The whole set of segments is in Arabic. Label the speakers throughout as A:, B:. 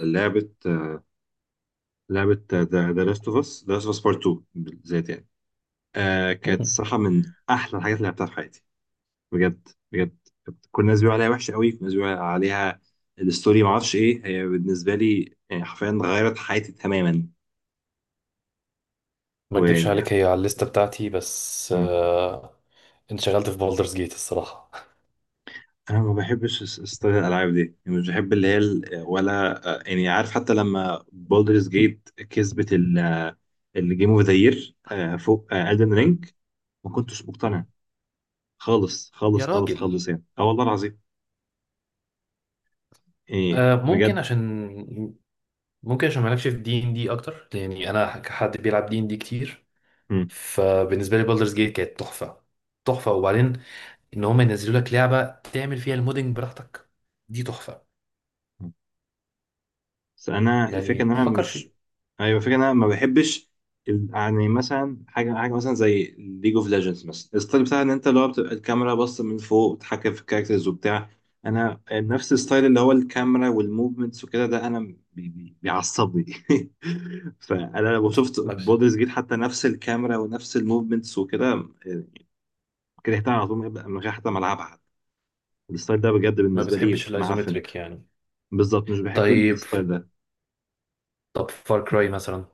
A: لعبة لعبة، ذا لاست اوف اس بارت 2 بالذات، يعني، كانت
B: مم.
A: الصراحة من أحلى الحاجات اللي لعبتها في حياتي. بجد بجد. كل الناس بيقولوا عليها وحشة قوي، كل الناس بيقولوا عليها الستوري، معرفش إيه هي بالنسبة لي. يعني حرفيا غيرت حياتي تماما.
B: ما اكدبش عليك،
A: ويعني.
B: هي على الليسته بتاعتي بس
A: مم.
B: انشغلت في بولدرز جيت الصراحه.
A: أنا ما بحبش ستايل الألعاب دي. يعني مش بحب اللي هي ولا، يعني عارف، حتى لما بولدرز جيت كسبت الجيم اوف ذا يير فوق ألدن
B: مم.
A: رينج، ما كنتش مقتنع
B: مم.
A: خالص خالص
B: يا
A: خالص
B: راجل.
A: خالص، يعني اه والله العظيم. ايه
B: ممكن
A: بجد.
B: عشان، ممكن عشان مالكش في دي ان دي اكتر، يعني انا كحد بيلعب دي ان دي كتير،
A: مم.
B: فبالنسبه لي بولدرز جيت كانت تحفه. تحفه. وبعدين ان هم ينزلوا لك لعبه تعمل فيها المودنج براحتك، دي تحفه.
A: مم. بس انا الفكره ان
B: يعني
A: انا
B: فكر
A: مش
B: في.
A: ايوه، الفكره ان انا ما بحبش يعني، مثلا حاجه مثلا زي ليج اوف ليجندز، مثلا الستايل بتاع ان انت، اللي هو بتبقى الكاميرا باصه من فوق وتتحكم في الكاركترز وبتاع. انا نفس الستايل اللي هو الكاميرا والموفمنتس وكده، ده انا بيعصبني. فانا لو شفت
B: ما, بت...
A: بودرز جيت، حتى نفس الكاميرا ونفس الموفمنتس وكده، يعني كرهتها على طول من غير حتى ما العبها. الستايل ده بجد
B: ما
A: بالنسبه لي
B: بتحبش
A: معفن.
B: الايزومتريك يعني؟
A: بالظبط، مش بحب
B: طيب.
A: الستايل ده.
B: طب فار كراي مثلا؟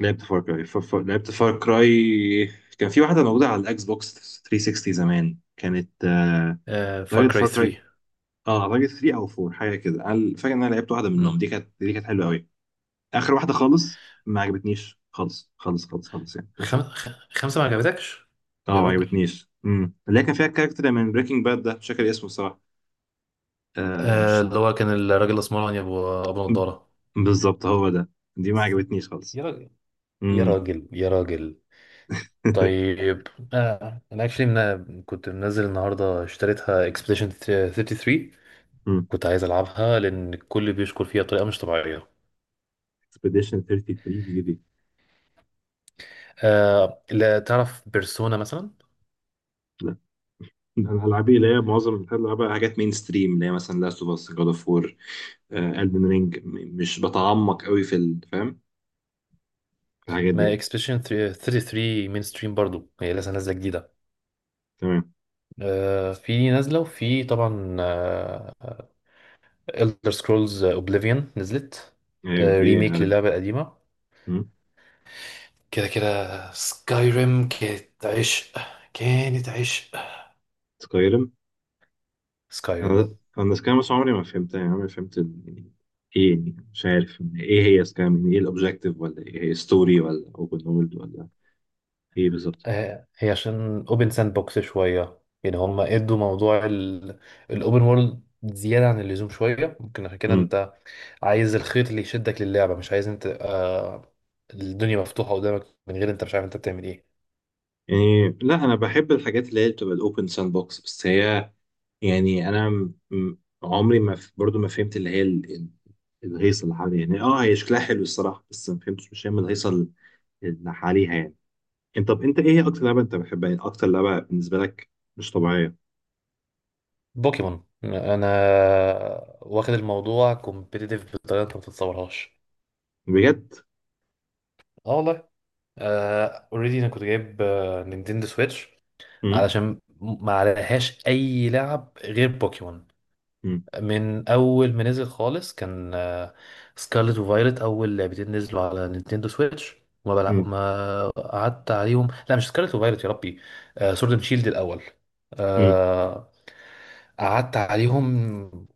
A: لعبت فار كراي. كان في واحده موجوده على الاكس بوكس 360 زمان، كانت،
B: فار
A: طريقه
B: كراي
A: فار كراي.
B: 3.
A: اه اعتقد 3 او 4، حاجه كده، انا فاكر ان انا لعبت واحده منهم، دي كانت حلوه قوي. اخر واحده خالص ما عجبتنيش، خالص خالص خالص خالص يعني، باشا.
B: 5 ما عجبتكش؟ يا
A: اه ما
B: راجل.
A: عجبتنيش، اللي هي كان فيها الكاركتر من بريكنج باد، ده مش فاكر اسمه الصراحه. آه مش ع-
B: اللي هو كان الراجل الاسمراني ابو نضاره.
A: بالظبط، هو ده. دي ما عجبتنيش خالص.
B: يا راجل، يا
A: امم
B: راجل، يا راجل. طيب. انا اكشلي كنت منزل النهارده اشتريتها اكسبediشن 33، كنت عايز العبها لان الكل بيشكر فيها بطريقه مش طبيعيه.
A: اكسبيديشن 33 دي؟
B: لا تعرف بيرسونا مثلا؟
A: لا، ده انا هلعب ايه؟ اللي هي معظم الحاجات اللي بلعبها حاجات مين ستريم، اللي هي مثلا لاست اوف اس، جاد اوف وور، البن رينج. مش بتعمق قوي في فاهم، في الحاجات دي
B: ما
A: يعني.
B: اكسبediشن 33 مين ستريم برضو، هي لسه نازله جديده.
A: تمام.
B: في نازله وفي طبعا Elder Scrolls Oblivion نزلت،
A: ايوه، دي
B: ريميك
A: عارف.
B: للعبة القديمة. كده كده سكايريم كانت عشق، كانت عشق.
A: سكايرم.
B: سكايريم.
A: انا سكايرم، بس عمري ما فهمتها، يعني عمري ما فهمت يعني ايه، يعني مش عارف ايه هي سكايرم، يعني ايه الاوبجيكتيف ولا ايه هي ستوري ولا اوبن وورلد ولا ايه بالظبط.
B: هي عشان اوبن ساند بوكس شوية، يعني هم ادوا موضوع الاوبن وورلد زيادة عن اللزوم شوية، ممكن عشان كده
A: مم.
B: انت عايز الخيط اللي يشدك للعبة، مش عايز انت الدنيا مفتوحة قدامك من غير انت مش عارف انت بتعمل ايه.
A: يعني لا، انا بحب الحاجات اللي هي بتبقى الاوبن ساند بوكس، بس هي، يعني انا عمري ما برضو ما فهمت اللي هي الهيصه اللي حواليها. يعني اه، هي شكلها حلو الصراحه، بس ما فهمتش، مش فاهم الهيصه اللي حواليها يعني. طب، انت ايه اكتر لعبه انت بتحبها؟ يعني اكتر لعبه بالنسبه لك، مش طبيعيه.
B: بوكيمون. انا واخد الموضوع كومبيتيتيف بطريقة انت ما تتصورهاش.
A: بجد؟
B: اه والله. اوريدي انا كنت جايب نينتندو سويتش
A: امم
B: علشان ما عليهاش اي لعب غير بوكيمون.
A: امم
B: من اول ما نزل خالص، كان سكارلت وفايلت اول لعبتين نزلوا على نينتندو سويتش.
A: امم
B: ما قعدت عليهم. لا، مش سكارلت وفايلت يا ربي، سورد اند شيلد الاول.
A: امم
B: آه، قعدت عليهم.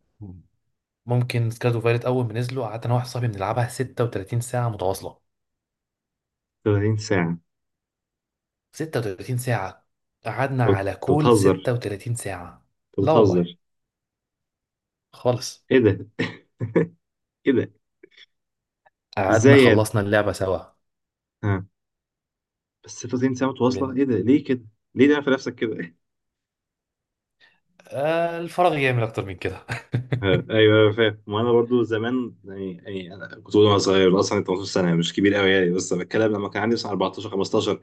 B: ممكن سكارلت وفايلت اول ما نزلوا قعدت انا واحد صاحبي بنلعبها 36 ساعه متواصله.
A: 30 ساعه؟
B: 36 ساعة، قعدنا
A: انت
B: على
A: أنت
B: كول
A: بتهزر!
B: 36 ساعة.
A: انت
B: لا والله،
A: بتهزر
B: خالص.
A: ايه ده؟ ايه ده،
B: قعدنا
A: ازاي يعني؟
B: خلصنا اللعبة سوا.
A: ها؟ بس 30 ساعه متواصله،
B: لأن
A: ايه ده، ليه كده؟ ليه ده في نفسك كده؟
B: الفراغ يعمل أكتر من كده.
A: ايوه ايوه فاهم. وانا برضو زمان يعني انا كنت بقول وانا صغير، اصلا 18 سنه مش كبير قوي يعني، بس بتكلم لما كان عندي مثلا 14، 15.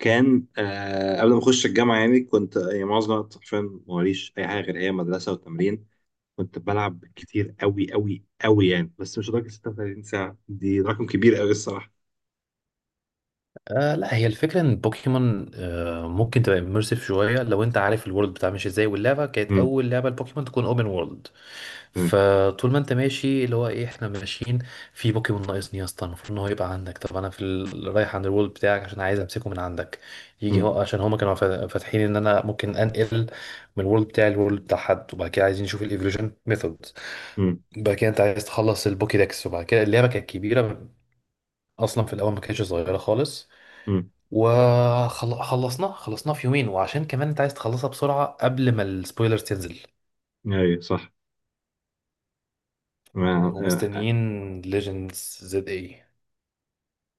A: كان قبل ما اخش الجامعه يعني، كنت، يعني معظم الوقت حرفيا ماليش اي حاجه غير هي مدرسه وتمرين. كنت بلعب كتير قوي قوي قوي يعني، بس مش لدرجه 36 ساعه. دي رقم كبير قوي الصراحه.
B: لا، هي الفكرة ان بوكيمون ممكن تبقى اميرسيف شوية لو انت عارف الورلد بتاع ماشي ازاي، واللعبة كانت
A: امم
B: اول لعبة لبوكيمون تكون اوبن وورلد.
A: تمام.
B: فطول ما انت ماشي، اللي هو ايه، احنا ماشيين في بوكيمون، ناقصني يا اسطى. المفروض ان هو يبقى عندك، طب انا في رايح عند الورلد بتاعك عشان عايز امسكه من عندك، يجي
A: امم
B: هو. عشان هما كانوا فاتحين ان انا ممكن انقل من الورلد بتاعي للورلد بتاع حد، وبعد كده عايزين نشوف الايفولوشن ميثود.
A: امم
B: بعد كده انت عايز تخلص البوكيدكس. وبعد كده اللعبة كانت كبيرة اصلا، في الاول ما كانتش صغيرة خالص.
A: امم
B: وخلصناه خلصناه في يومين، وعشان كمان انت عايز تخلصها بسرعة قبل ما السبويلرز تنزل.
A: ايوه صح. ما- آه، آه،
B: ومستنيين ليجندز زد اي.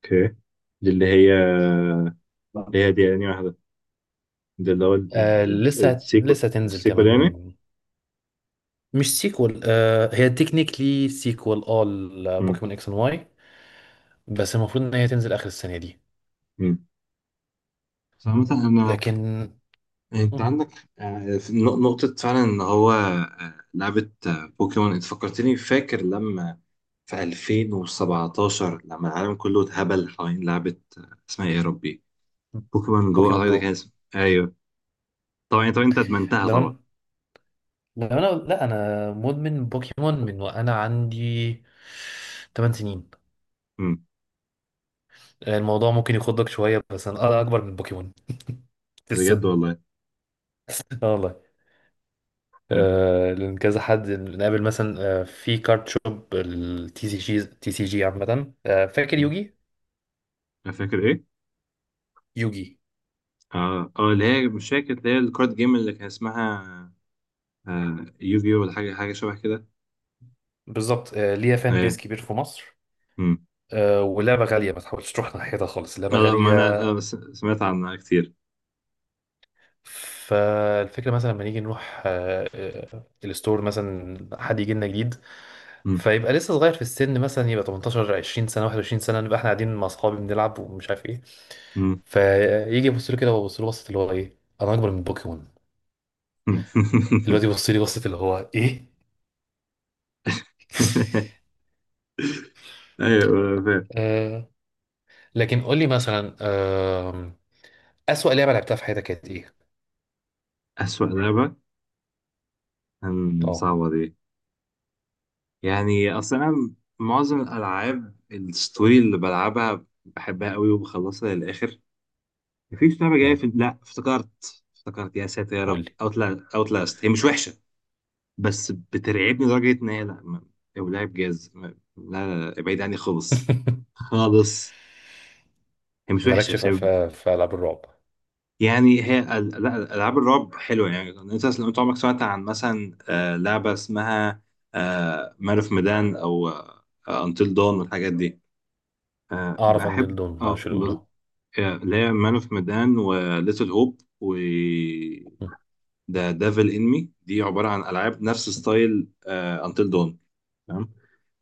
A: اوكي. دي اللي هي اللي هي دي يعني واحده. ده اللي هو
B: لسه
A: السيكو
B: لسه تنزل
A: السيكو اليومي.
B: كمان. مش سيكوال، هي تكنيكلي سيكوال اه
A: مم.
B: لبوكيمون اكس اند واي، بس المفروض ان هي تنزل اخر السنة دي.
A: مم. فمثلا انا،
B: لكن.
A: انت
B: مم.
A: عندك في نقطة فعلا ان هو، لعبة، بوكيمون، انت فكرتني. فاكر لما في 2017 لما العالم كله اتهبل حوالين لعبة، اسمها ايه يا ربي؟ بوكيمون جو،
B: بوكيمون
A: اعتقد كان
B: جو.
A: اسمها. ايوه. طبعا طبعا انت ادمنتها
B: لو
A: طبعا.
B: انا لو انا لا، انا مدمن بوكيمون من وانا عندي 8 سنين.
A: مم.
B: الموضوع ممكن يخضك شوية، بس أنا أكبر من بوكيمون في
A: بجد
B: السن.
A: والله.
B: اه والله.
A: آه.
B: لأن كذا حد نقابل مثلا في كارت شوب التي سي جي، تي سي جي عامة. فاكر
A: مم.
B: يوجي؟
A: انا فاكر ايه.
B: يوجي.
A: اه اللي هي مش فاكر، اللي هي الكارد جيم اللي كان اسمها يوجي، ولا حاجة شبه كده.
B: بالظبط. ليها فان
A: آه،
B: بيز كبير في مصر.
A: مم.
B: ولعبة غالية، ما تحاولش تروح ناحيتها خالص، لعبة
A: لا، ما
B: غالية.
A: انا، سمعت عنها كتير.
B: فالفكرة مثلا لما نيجي نروح الستور، مثلا حد يجي لنا جديد،
A: مم.
B: فيبقى لسه صغير في السن، مثلا يبقى 18 20 سنة 21 سنة، نبقى احنا قاعدين مع أصحابي بنلعب ومش عارف ايه،
A: مم.
B: فيجي يبص له كده، ويبص له بصة اللي هو ايه، انا اكبر من بوكيمون؟ الواد يبص لي بصة اللي هو ايه.
A: ايوه فاهم.
B: آه. لكن قول لي مثلا اسوأ لعبة لعبتها في حياتك كانت ايه؟
A: اسوأ لعبة،
B: اه.
A: صعبة دي. يعني اصلا انا معظم الالعاب الستوري اللي بلعبها بحبها قوي وبخلصها للاخر. مفيش لعبة جاية
B: مم،
A: في. لا، افتكرت، يا ساتر يا
B: قول
A: رب.
B: لي.
A: اوتلاست، هي مش وحشة، بس بترعبني لدرجة ان هي. لا لو لعب جاز لا لا لا، ابعد عني خالص. خالص. هي مش وحشة،
B: مالكش
A: بس
B: في العاب الرعب؟
A: يعني هي لا، العاب الرعب حلوه. يعني انت، لو عمرك سمعت عن مثلا، لعبه اسمها مارف ميدان او انتل دون والحاجات دي.
B: اعرف ان
A: بحب.
B: دون، معرفش الاولى.
A: اللي هي مان اوف ميدان، وليتل هوب، و
B: مم،
A: ذا ديفل ان مي، دي عباره عن العاب نفس ستايل انتل دون.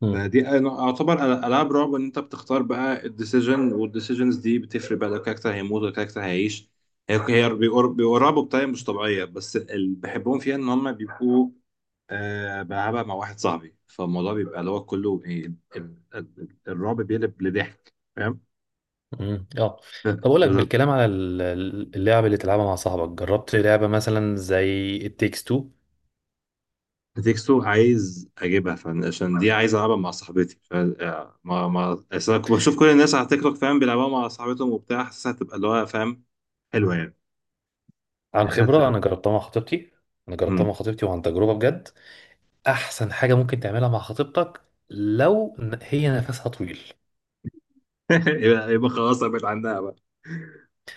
B: مم،
A: فدي، اعتبر العاب رعب ان انت بتختار بقى الديسيجن، والديسيجنز دي بتفرق بقى لو الكاركتر هيموت ولا الكاركتر هيعيش. هي هي بيقربوا بطريقه مش طبيعيه، بس اللي بحبهم فيها ان هم بيبقوا، بلعبها مع واحد صاحبي، فالموضوع بيبقى اللي هو كله الرعب بيقلب لضحك، فاهم.
B: مم، اه.
A: ف-
B: طب اقول لك،
A: ب-
B: بالكلام على اللعب اللي تلعبها مع صاحبك، جربت لعبة مثلا زي التكس 2؟
A: بتكسو عايز اجيبها، عشان دي عايز العبها مع صاحبتي. ف آه، ما أصل أنا كنت بشوف كل الناس على تيك توك، فاهم، بيلعبوها مع صاحبتهم وبتاع. حاسسها هتبقى اللي هو، فاهم، حلوه يعني.
B: عن
A: يعني
B: خبرة أنا جربتها مع خطيبتي. أنا جربتها مع
A: مم.
B: خطيبتي وعن تجربة، بجد أحسن حاجة ممكن تعملها مع خطيبتك، لو هي نفسها طويل.
A: يبقى خلاص بقت عندها بقى.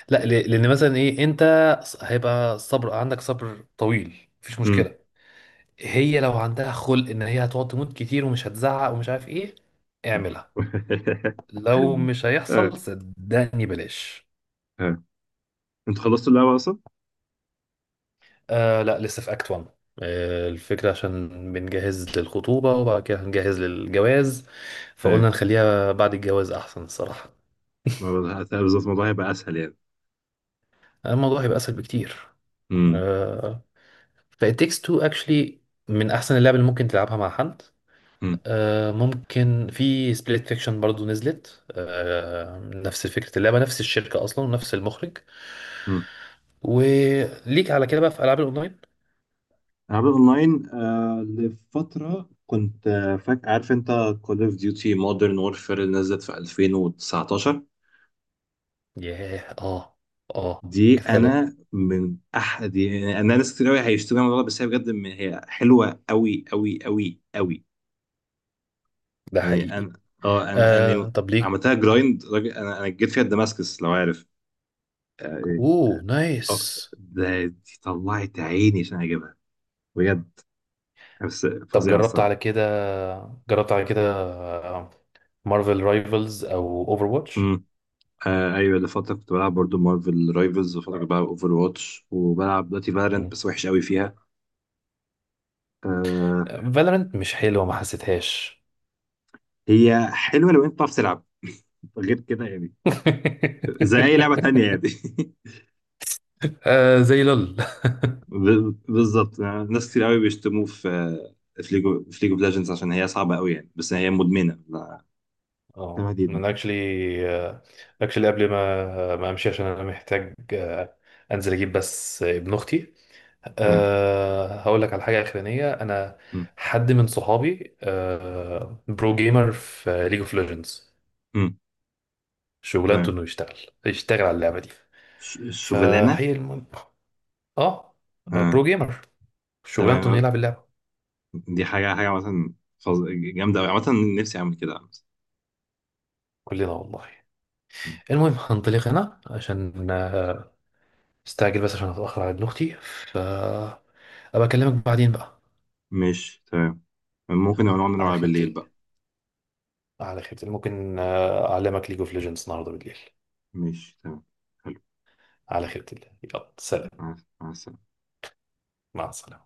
B: لا، لأن مثلا إيه، أنت هيبقى صبر، عندك صبر طويل، مفيش
A: مم.
B: مشكلة. هي لو عندها خلق إن هي هتقعد تموت كتير ومش هتزعق ومش عارف إيه، اعملها. لو مش
A: آه،
B: هيحصل صدقني بلاش.
A: آه. انتوا خلصتوا اللعبة أصلا؟
B: لا، لسه في اكت 1. الفكرة عشان بنجهز للخطوبة وبعد كده هنجهز للجواز، فقلنا
A: ايه.
B: نخليها بعد الجواز احسن الصراحة.
A: ما بز- بالظبط، الموضوع هيبقى أسهل يعني.
B: الموضوع هيبقى اسهل بكتير.
A: مم.
B: آه ف It Takes Two actually من احسن اللعب اللي ممكن تلعبها مع حد.
A: مم.
B: ممكن في سبليت فيكشن برضو نزلت، نفس فكرة اللعبة، نفس الشركة اصلا ونفس المخرج.
A: مم.
B: وليك على كده بقى في العاب الاونلاين.
A: أنا لعبت أونلاين لفترة، كنت، فاك، عارف أنت كول أوف ديوتي مودرن وورفير اللي نزلت في 2019.
B: ياه اه. اه
A: دي
B: كانت حلوة،
A: أنا من أحد يعني. أنا ناس كتير أوي هيشتروا الموضوع ده، بس هي بجد، هي حلوة أوي أوي أوي أوي.
B: ده
A: يعني
B: حقيقي.
A: انا، اه انا انا
B: طب ليك؟
A: عملتها جرايند راجل. انا جيت فيها دماسكس لو عارف. اه إيه.
B: اوه نايس.
A: دي طلعت عيني عشان اجيبها، بجد. بس
B: طب
A: فظيعه
B: جربت على
A: الصراحه.
B: كده، جربت على كده مارفل رايفلز او اوفر واتش؟
A: امم ايوه، اللي فتره كنت بلعب برضو مارفل رايفلز، وفتره كنت بلعب اوفر واتش، وبلعب دلوقتي فالورنت، بس وحش قوي فيها. آه
B: فالورنت مش حلوه، ما حسيتهاش.
A: هي حلوه لو انت بتعرف تلعب، غير كده يعني زي اي لعبه تانية يعني.
B: زي لول.
A: بالظبط. ناس كتير قوي بيشتموه في، آه، في ليجو في ليج اوف ليجندز، عشان هي صعبه قوي يعني، بس هي مدمنه
B: اه
A: جامد جدا.
B: انا اكشلي، اكشلي قبل ما امشي، عشان انا محتاج انزل اجيب بس ابن اختي.
A: تمام.
B: أه، هقول لك على حاجه اخرانيه انا.
A: مم.
B: حد من صحابي أه برو جيمر في ليج اوف ليجندز،
A: مم.
B: شغلانته
A: تمام.
B: انه يشتغل، يشتغل على اللعبه دي.
A: الشغلانه.
B: فهي الم... اه،
A: اه
B: برو جيمر،
A: تمام.
B: شغلانته انه
A: آه.
B: يلعب اللعبه.
A: دي حاجه، مثلا فظ- جامده قوي عامه. نفسي اعمل كده مثلا.
B: كلنا والله.
A: مم.
B: المهم هنطلق هنا عشان استعجل بس عشان اتاخر على ابن اختي، ف ابقى اكلمك بعدين بقى.
A: ماشي تمام. ممكن نبقى نقعد
B: على
A: نلعب
B: خيرة
A: بالليل
B: الله.
A: بقى.
B: على خيرة الله، ممكن اعلمك ليج اوف ليجندز النهارده بالليل.
A: ماشي تمام. حلو.
B: على خيرة الله، يلا سلام.
A: مع السلامه.
B: مع السلامه.